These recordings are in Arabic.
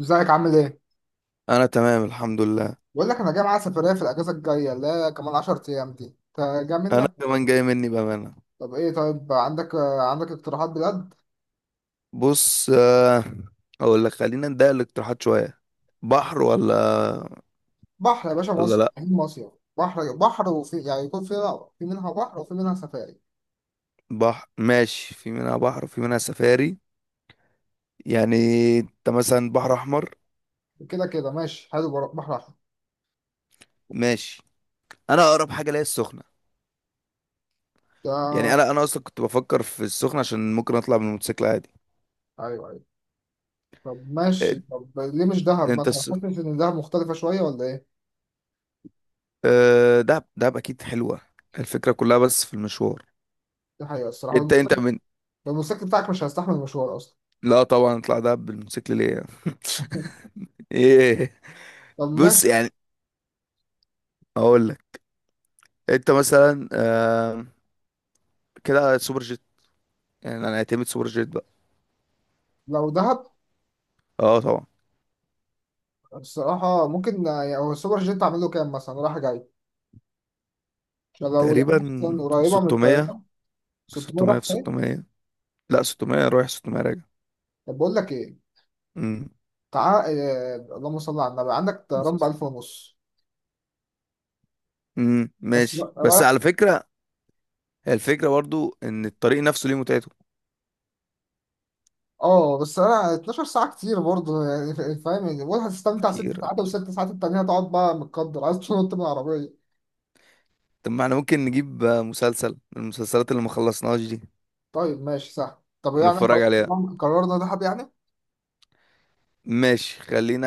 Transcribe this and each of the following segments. ازيك عامل ايه؟ انا تمام الحمد لله. بقول لك انا جاي معايا سفرية في الأجازة الجاية اللي هي كمان 10 أيام دي. انت جاي انا منك؟ كمان جاي مني بامانه. طب ايه، طيب عندك اقتراحات بجد؟ بص، اقول لك خلينا نضيق الاقتراحات شويه. بحر ولا بحر يا باشا ولا مصر، لا؟ عين مصيف. بحر وفي يعني يكون في منها بحر وفي منها سفاري. بحر ماشي، في منها بحر وفي منها سفاري. يعني انت مثلا بحر احمر. كده كده ماشي حلو، بحر أحمر. ماشي، انا اقرب حاجه ليا السخنه. يعني ده انا اصلا كنت بفكر في السخنه عشان ممكن اطلع بالموتوسيكل عادي. أيوه أيوه. طب ماشي، إيه، طب ليه مش دهب انت مثلا؟ الس... حاسس إن دهب مختلفة شوية ولا ايه؟ دهب دهب اكيد حلوه، الفكره كلها بس في المشوار. دي حقيقة الصراحة، انت الموتوسيكل انت من الموتوسيكل بتاعك مش هيستحمل المشوار أصلا. لا طبعا، اطلع دهب بالموتوسيكل ليه يعني؟ ايه، طب بص ماشي، يعني اقول لك، انت مثلا كده سوبر جيت، يعني انا اعتمد سوبر جيت بقى. لو دهب اه طبعا. الصراحة ممكن، يعني هو السوبر جيت أعمل له كام مثلا رايح جاي؟ طب لو تقريبا لقينا مثلا قريبة من 600. الطيارة، 600 600 راح في ايه. 600. لا، 600 رايح 600 راجع. طب بقول لك ايه، امم تعال اللهم صل على النبي، عندك طيران ب أساس. 1000 ونص. بس ماشي، بس رايح. على فكرة هي الفكرة برضو ان الطريق نفسه ليه متعته. اه بس انا 12 ساعة كتير برضه، يعني فاهم يعني، بقول هتستمتع ست كتير ساعات اكيد. والست ساعات التانية هتقعد بقى متقدر، عايز تنط من العربية. طب ما احنا ممكن نجيب مسلسل، من المسلسلات اللي ما خلصناهاش دي طيب ماشي سهل، طب يعني ونتفرج خلاص عليها. تمام، قررنا دهب يعني. ماشي، خلينا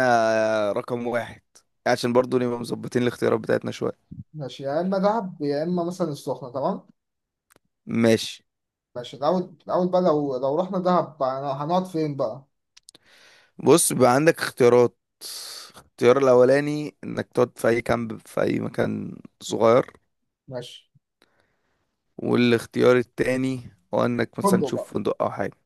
رقم واحد عشان برضو نبقى مظبطين الاختيارات بتاعتنا شوية. ماشي، يا اما دهب يا اما مثلا السخنة، تمام. ماشي. ماشي الاول بقى، لو رحنا دهب بقى هنقعد فين بقى؟ بص بقى عندك اختيارات، الاختيار الأولاني إنك تقعد في أي كامب في أي مكان صغير، ماشي، والاختيار التاني هو إنك مثلا فندق بقى. تشوف فندق أو حاجة.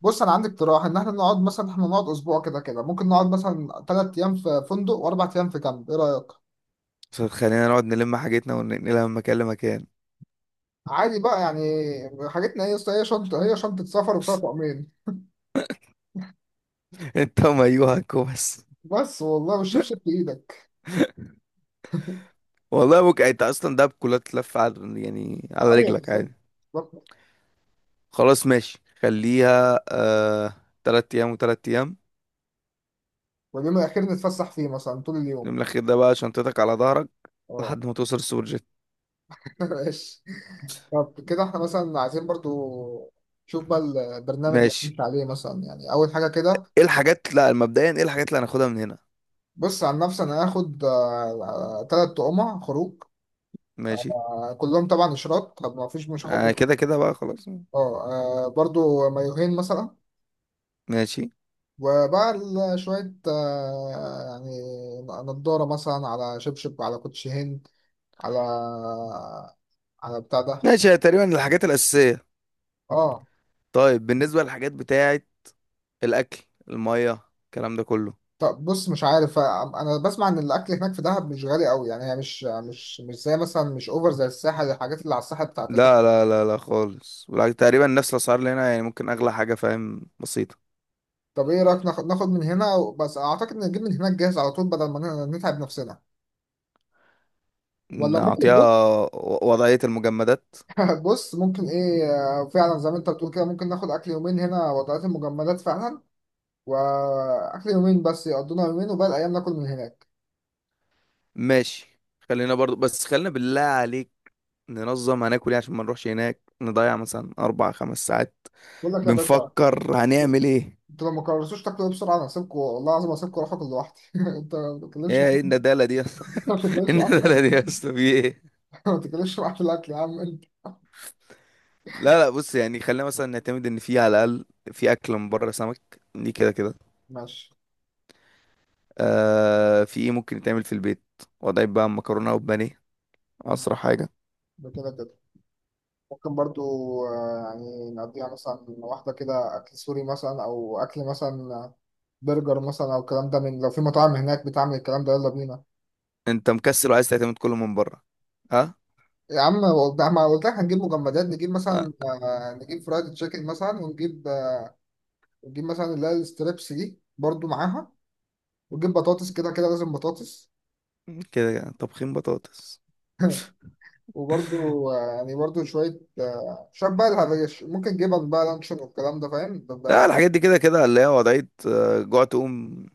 بص انا عندي اقتراح ان احنا نقعد مثلا، احنا نقعد اسبوع، كده كده ممكن نقعد مثلا 3 ايام في فندق و4 ايام في كامب، ايه رايك؟ بس خلينا نقعد نلم حاجتنا وننقلها من مكان لمكان. عادي بقى يعني. حاجتنا هي شنطه سفر وفيها طقمين. انت ومايوهك وبس. بس والله، والشبشب في ايدك. والله ممكن انت اصلا ده بكلها تلف على، يعني على ايوه رجلك بالظبط، عادي. بالظبط. خلاص ماشي، خليها 3 ايام وتلات ايام. واليوم الاخير نتفسح فيه مثلا طول اليوم. اليوم الأخير ده بقى شنطتك على ظهرك اه. لحد ما توصل السوبر جيت. ماشي. طب كده احنا مثلا عايزين برضو، شوف بقى البرنامج اللي ماشي. هنمشي عليه مثلا، يعني اول حاجه كده. ايه الحاجات، لا مبدئيا ايه الحاجات اللي هناخدها من هنا؟ بص عن نفسي انا هاخد 3 تقمع خروج، ماشي. كلهم طبعا اشراط، طب ما فيش، مش هاخد كده كده بقى خلاص. اه. برضو مايوهين مثلا. ماشي وبقى شوية، يعني نضارة مثلا، على شبشب، على كوتش هند، على، على بتاع ده. ماشي، هي تقريبا الحاجات الأساسية. اه. طيب بالنسبة للحاجات بتاعة الأكل، المية، الكلام ده كله. طب بص مش عارف، انا بسمع ان الاكل هناك في دهب مش غالي قوي، يعني هي مش زي مثلا، مش اوفر زي الساحل، الحاجات اللي على الساحل بتاعت البحر. لا لا لا لا خالص، ولا تقريبا نفس الأسعار اللي هنا، يعني ممكن أغلى حاجة، فاهم، بسيطة. طب ايه رايك، ناخد من هنا، بس اعتقد نجيب من هناك جاهز على طول بدل ما نتعب نفسنا. ولا ممكن؟ نعطيها. وضعية المجمدات. بص ممكن ايه. فعلا زي ما انت بتقول كده، ممكن ناخد اكل يومين هنا، وضعات المجمدات فعلا، واكل يومين بس يقضونا يومين، وباقي الايام ناكل من هناك. ماشي خلينا برضو، بس خلينا بالله عليك ننظم هناكل ايه عشان ما نروحش هناك نضيع مثلا 4-5 ساعات بقول لك يا باشا، بنفكر هنعمل ايه. انتوا لو ما قررتوش تاكلوا إيه بسرعه، انا هسيبكم، والله العظيم هسيبكم اروح اكل لوحدي. انت ما تتكلمش إيه معايا. الندالة دي يا اسطى! ما إيه تتكلمش معايا في الاكل. الندالة دي يا اسطى، في ايه؟ ما تتكلمش معايا في الاكل يا عم انت. لا لا، بص يعني خلينا مثلا نعتمد ان في على الاقل في اكل من بره، سمك دي كده كده. ماشي، في ايه ممكن يتعمل في البيت، وضعي بقى مكرونه وبانيه، اسرع حاجه. ده كده كده ممكن برضو. يعني نقضيها مثلا واحده كده اكل سوري مثلا، او اكل مثلا، برجر مثلا، او الكلام ده، من لو في مطاعم هناك بتعمل الكلام ده يلا بينا. انت مكسل وعايز تعتمد كله من بره؟ ها؟ يا عم ده ما قلت لك هنجيب مجمدات، نجيب آه؟ مثلا، نجيب فرايد تشيكن مثلا، ونجيب ونجيب مثلا اللي هي الستريبس دي برضو معاها، ونجيب بطاطس، كده كده لازم بطاطس. كده كده. طبخين بطاطس. وبرضو، يعني برضو شوية، شوية بقى الهريش، ممكن جبن بقى لانشون والكلام ده، فاهم لا الحاجات دي كده كده، اللي هي وضعية جوع تقوم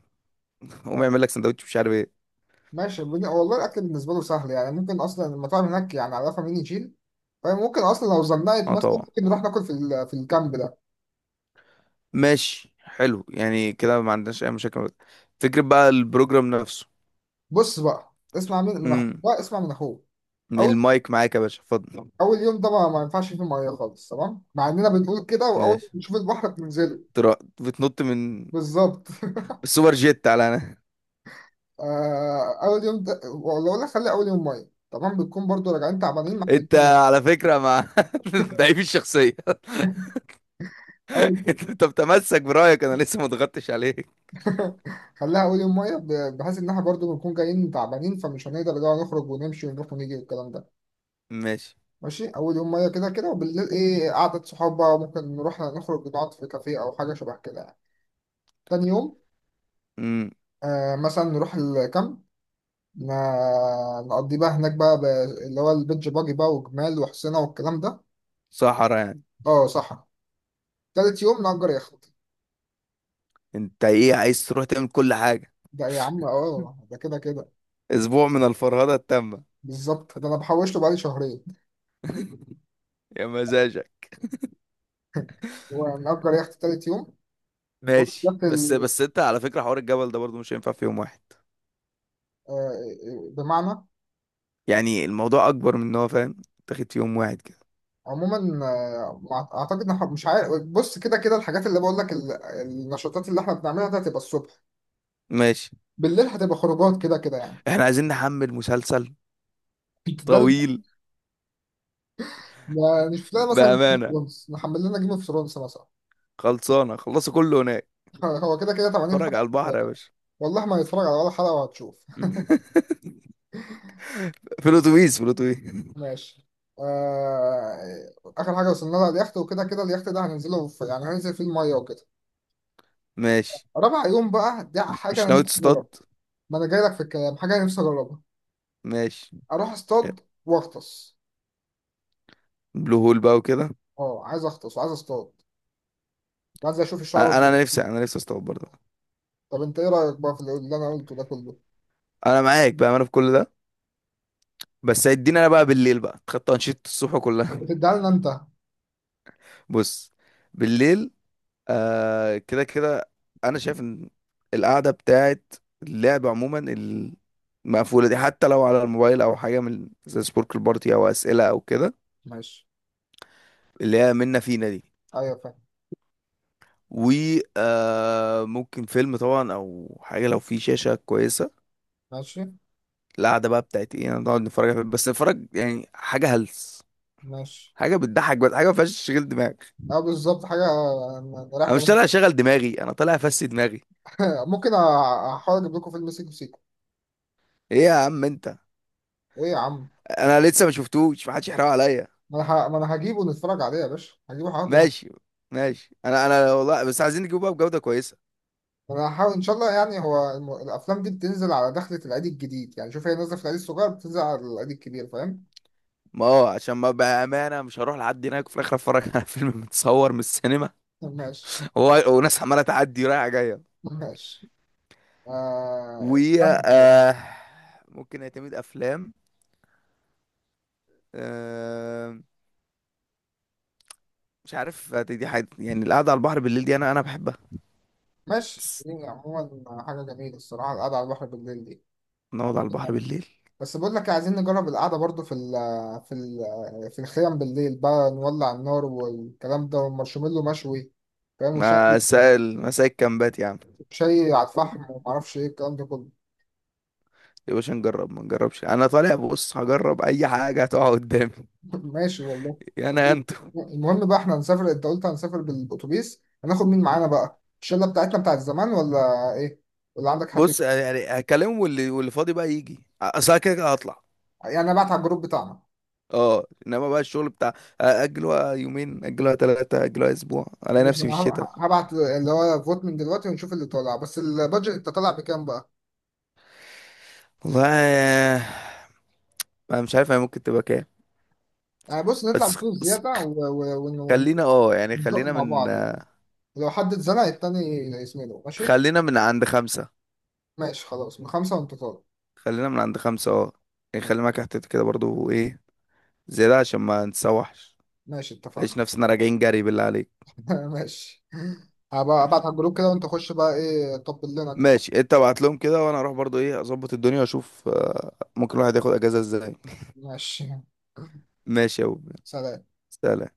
قوم آه، اعمل لك سندوتش مش عارف ايه. ماشي والله الأكل بالنسبة له سهل، يعني ممكن أصلا المطاعم هناك يعني عارفة مين يشيل. فاهم ممكن أصلا لو زنقت اه مثلا، طبعا. ممكن نروح ناكل في في الكامب ده. ماشي حلو، يعني كده ما عندناش اي مشاكل. فكرة بقى البروجرام نفسه. بص بقى اسمع من أخوك امم بقى، اسمع من أخوك. المايك معاك يا باشا، اتفضل. اول يوم ده ما ينفعش فيه ميه خالص، تمام، مع اننا بنقول كده، واول ما ماشي. نشوف البحر بننزله. بتنط من بالظبط. السوبر جيت على انا. اول يوم ده ولا، خلي اول يوم ميه، تمام، بتكون برضو راجعين تعبانين انت محتاجين. على فكرة مع ضعيف الشخصية. أول. انت بتمسك برأيك، انا لسه ما ضغطتش عليك. خليها أول يوم مية بحيث إن إحنا برضه بنكون جايين تعبانين، فمش هنقدر اللي هو نخرج ونمشي ونروح ونيجي والكلام ده. ماشي. ماشي، أول يوم مية كده كده، وبالليل إيه، قعدة صحاب بقى، وممكن نروح نخرج نقعد في كافيه أو حاجة شبه كده يعني. تاني يوم امم آه مثلا نروح الكامب، ما نقضي بقى هناك بقى اللي هو البيتش باجي بقى، وجمال وحسينة والكلام ده. صحرا يعني. اه صح. تالت يوم نأجر يخت، انت ايه، عايز تروح تعمل كل حاجة؟ ده يا عم اه ده كده كده. اسبوع من الفرهدة التامة. بالظبط، ده انا بحوشته بقالي شهرين. يا مزاجك. ونأجر يخت تالت يوم، ماشي، ونأجر بس بس انت على فكرة حوار الجبل ده برضو مش هينفع في يوم واحد. بمعنى، يعني الموضوع اكبر من ان هو، فاهم، تاخد في يوم واحد كده. عموما، اعتقد إن إحنا، مش عارف، بص كده كده الحاجات اللي بقول لك النشاطات اللي احنا بنعملها ده هتبقى الصبح، ماشي بالليل هتبقى خروجات كده كده يعني. احنا عايزين نحمل مسلسل ده اللي- طويل. يعني نشوف لنا مثلا جيم اوف بامانه ثرونز نحمل لنا جيم اوف ثرونز مثلا. خلصانه، خلصوا كله هناك. هو كده كده 80 اتفرج حلقة. على البحر يا باشا. والله ما هيتفرج على ولا حلقة وهتشوف. في الاتوبيس، في الاتوبيس. ماشي. آخر حاجة وصلنا لها اليخت، وكده كده اليخت ده هننزله يعني هننزل فيه المية وكده. ماشي. رابع يوم بقى ده حاجة مش أنا ناوي نفسي أجربها، تصطاد؟ ما أنا جاي لك في الكلام، حاجة أنا نفسي أجربها. ماشي، أروح أصطاد وأغطس. بلو هول بقى وكده. أه عايز أغطس وعايز أصطاد، وعايز أشوف الشعب انا المرجانية. انا نفسي، انا نفسي اصطاد برضه. طب أنت إيه رأيك بقى في اللي أنا قلته ده كله؟ انا معاك بامانه في كل ده، بس هيدينا انا بقى بالليل بقى، خدت انشطه الصبح طب كلها. بتديها لنا أنت. بص، بالليل كده كده انا شايف ان القعده بتاعت اللعب عموما المقفوله دي، حتى لو على الموبايل او حاجه من زي سبوركل بارتي او اسئله او كده، ماشي، اللي هي منا فينا دي. أيوه فاهم. و ممكن فيلم طبعا، او حاجه لو في شاشه كويسه. ماشي القعده بقى بتاعت ايه، نقعد نتفرج على فيلم، بس نتفرج يعني حاجه هلس، ماشي. حاجه بتضحك، بس حاجه ما فيهاش تشغيل دماغ. أه بالظبط حاجة رايح انا مش ده. طالع اشغل دماغي، انا طالع افسي دماغي. ممكن احاول اجيب لكم فيلم سيكو سيكو. ايه يا عم انت، ايه يا عم، انا لسه ما شفتوش، ما حدش يحرق عليا. ما انا هجيبه نتفرج عليه يا باشا، هجيبه هحضر. ماشي. ماشي، انا والله بس عايزين نجيبه بقى بجودة كويسة. انا هحاول ان شاء الله، يعني هو الافلام دي بتنزل على دخلة العيد الجديد، يعني شوف هي نازله في العيد الصغير، بتنزل على العيد الكبير، فاهم. ما هو عشان، ما بأمانة مش هروح لحد هناك وفي الآخر أتفرج على فيلم متصور من السينما ماشي. وناس عمالة تعدي رايحة جاية. ماشي. و آه... آه، ممكن اعتمد أفلام، آه، مش عارف دي حاجة، يعني القعدة على البحر بالليل دي أنا بحبها. ماشي، بس دي عموما حاجه جميله الصراحه القعده على البحر بالليل دي، نقعد على ممكن البحر نعملها. بالليل. بس بقول لك إيه، عايزين نجرب القعده برضو في الخيام بالليل بقى، نولع النار والكلام ده، والمارشميلو مشوي، فاهم، وشاي، مسائل مسائل كامبات يا عم. شيء على الفحم، ومعرفش ايه الكلام ده كله. يا باشا نجرب ما نجربش، أنا طالع بص هجرب أي حاجة هتقع قدامي. ماشي والله. طب أنا، المهم بقى احنا هنسافر، انت قلت هنسافر بالاتوبيس، هناخد مين معانا بقى، الشله بتاعتنا بتاعت زمان ولا ايه، ولا عندك حد؟ بص يعني هكلمه، واللي فاضي بقى يجي، اصل أنا كده كده هطلع. يعني انا بعت على الجروب بتاعنا. اه انما بقى الشغل بتاع، اجلوها يومين، اجلوها ثلاثة، اجلوها اسبوع، الاقي ماشي نفسي في انا الشتاء. هبعت اللي هو فوت من دلوقتي ونشوف اللي طالع، بس البادجت انت طالع بكام بقى؟ والله انا مش عارف هي ممكن تبقى كام. يعني بص نطلع بس بفلوس بس زياده خلينا، اه يعني ونزق خلينا مع من، بعض يعني، لو حد اتزنق التاني يسمله ماشي. خلينا من عند خمسة. ماشي، خلاص من خمسه وانت طالع. خلينا من عند خمسة اه. يعني خلي ماشي، معاك احتياطي كده برضو، ايه، زيادة عشان ما نتسوحش. ماشي، اتفقنا. ليش نفسنا راجعين جري بالله عليك. ماشي، هبقى ابعت على الجروب كده، وانت خش بقى ايه طبل لنا كده. ماشي، انت ابعت لهم كده وانا اروح برضو ايه، اظبط الدنيا واشوف ممكن الواحد ياخد اجازة ازاي. ماشي، ماشي يا أبو. سلام. سلام.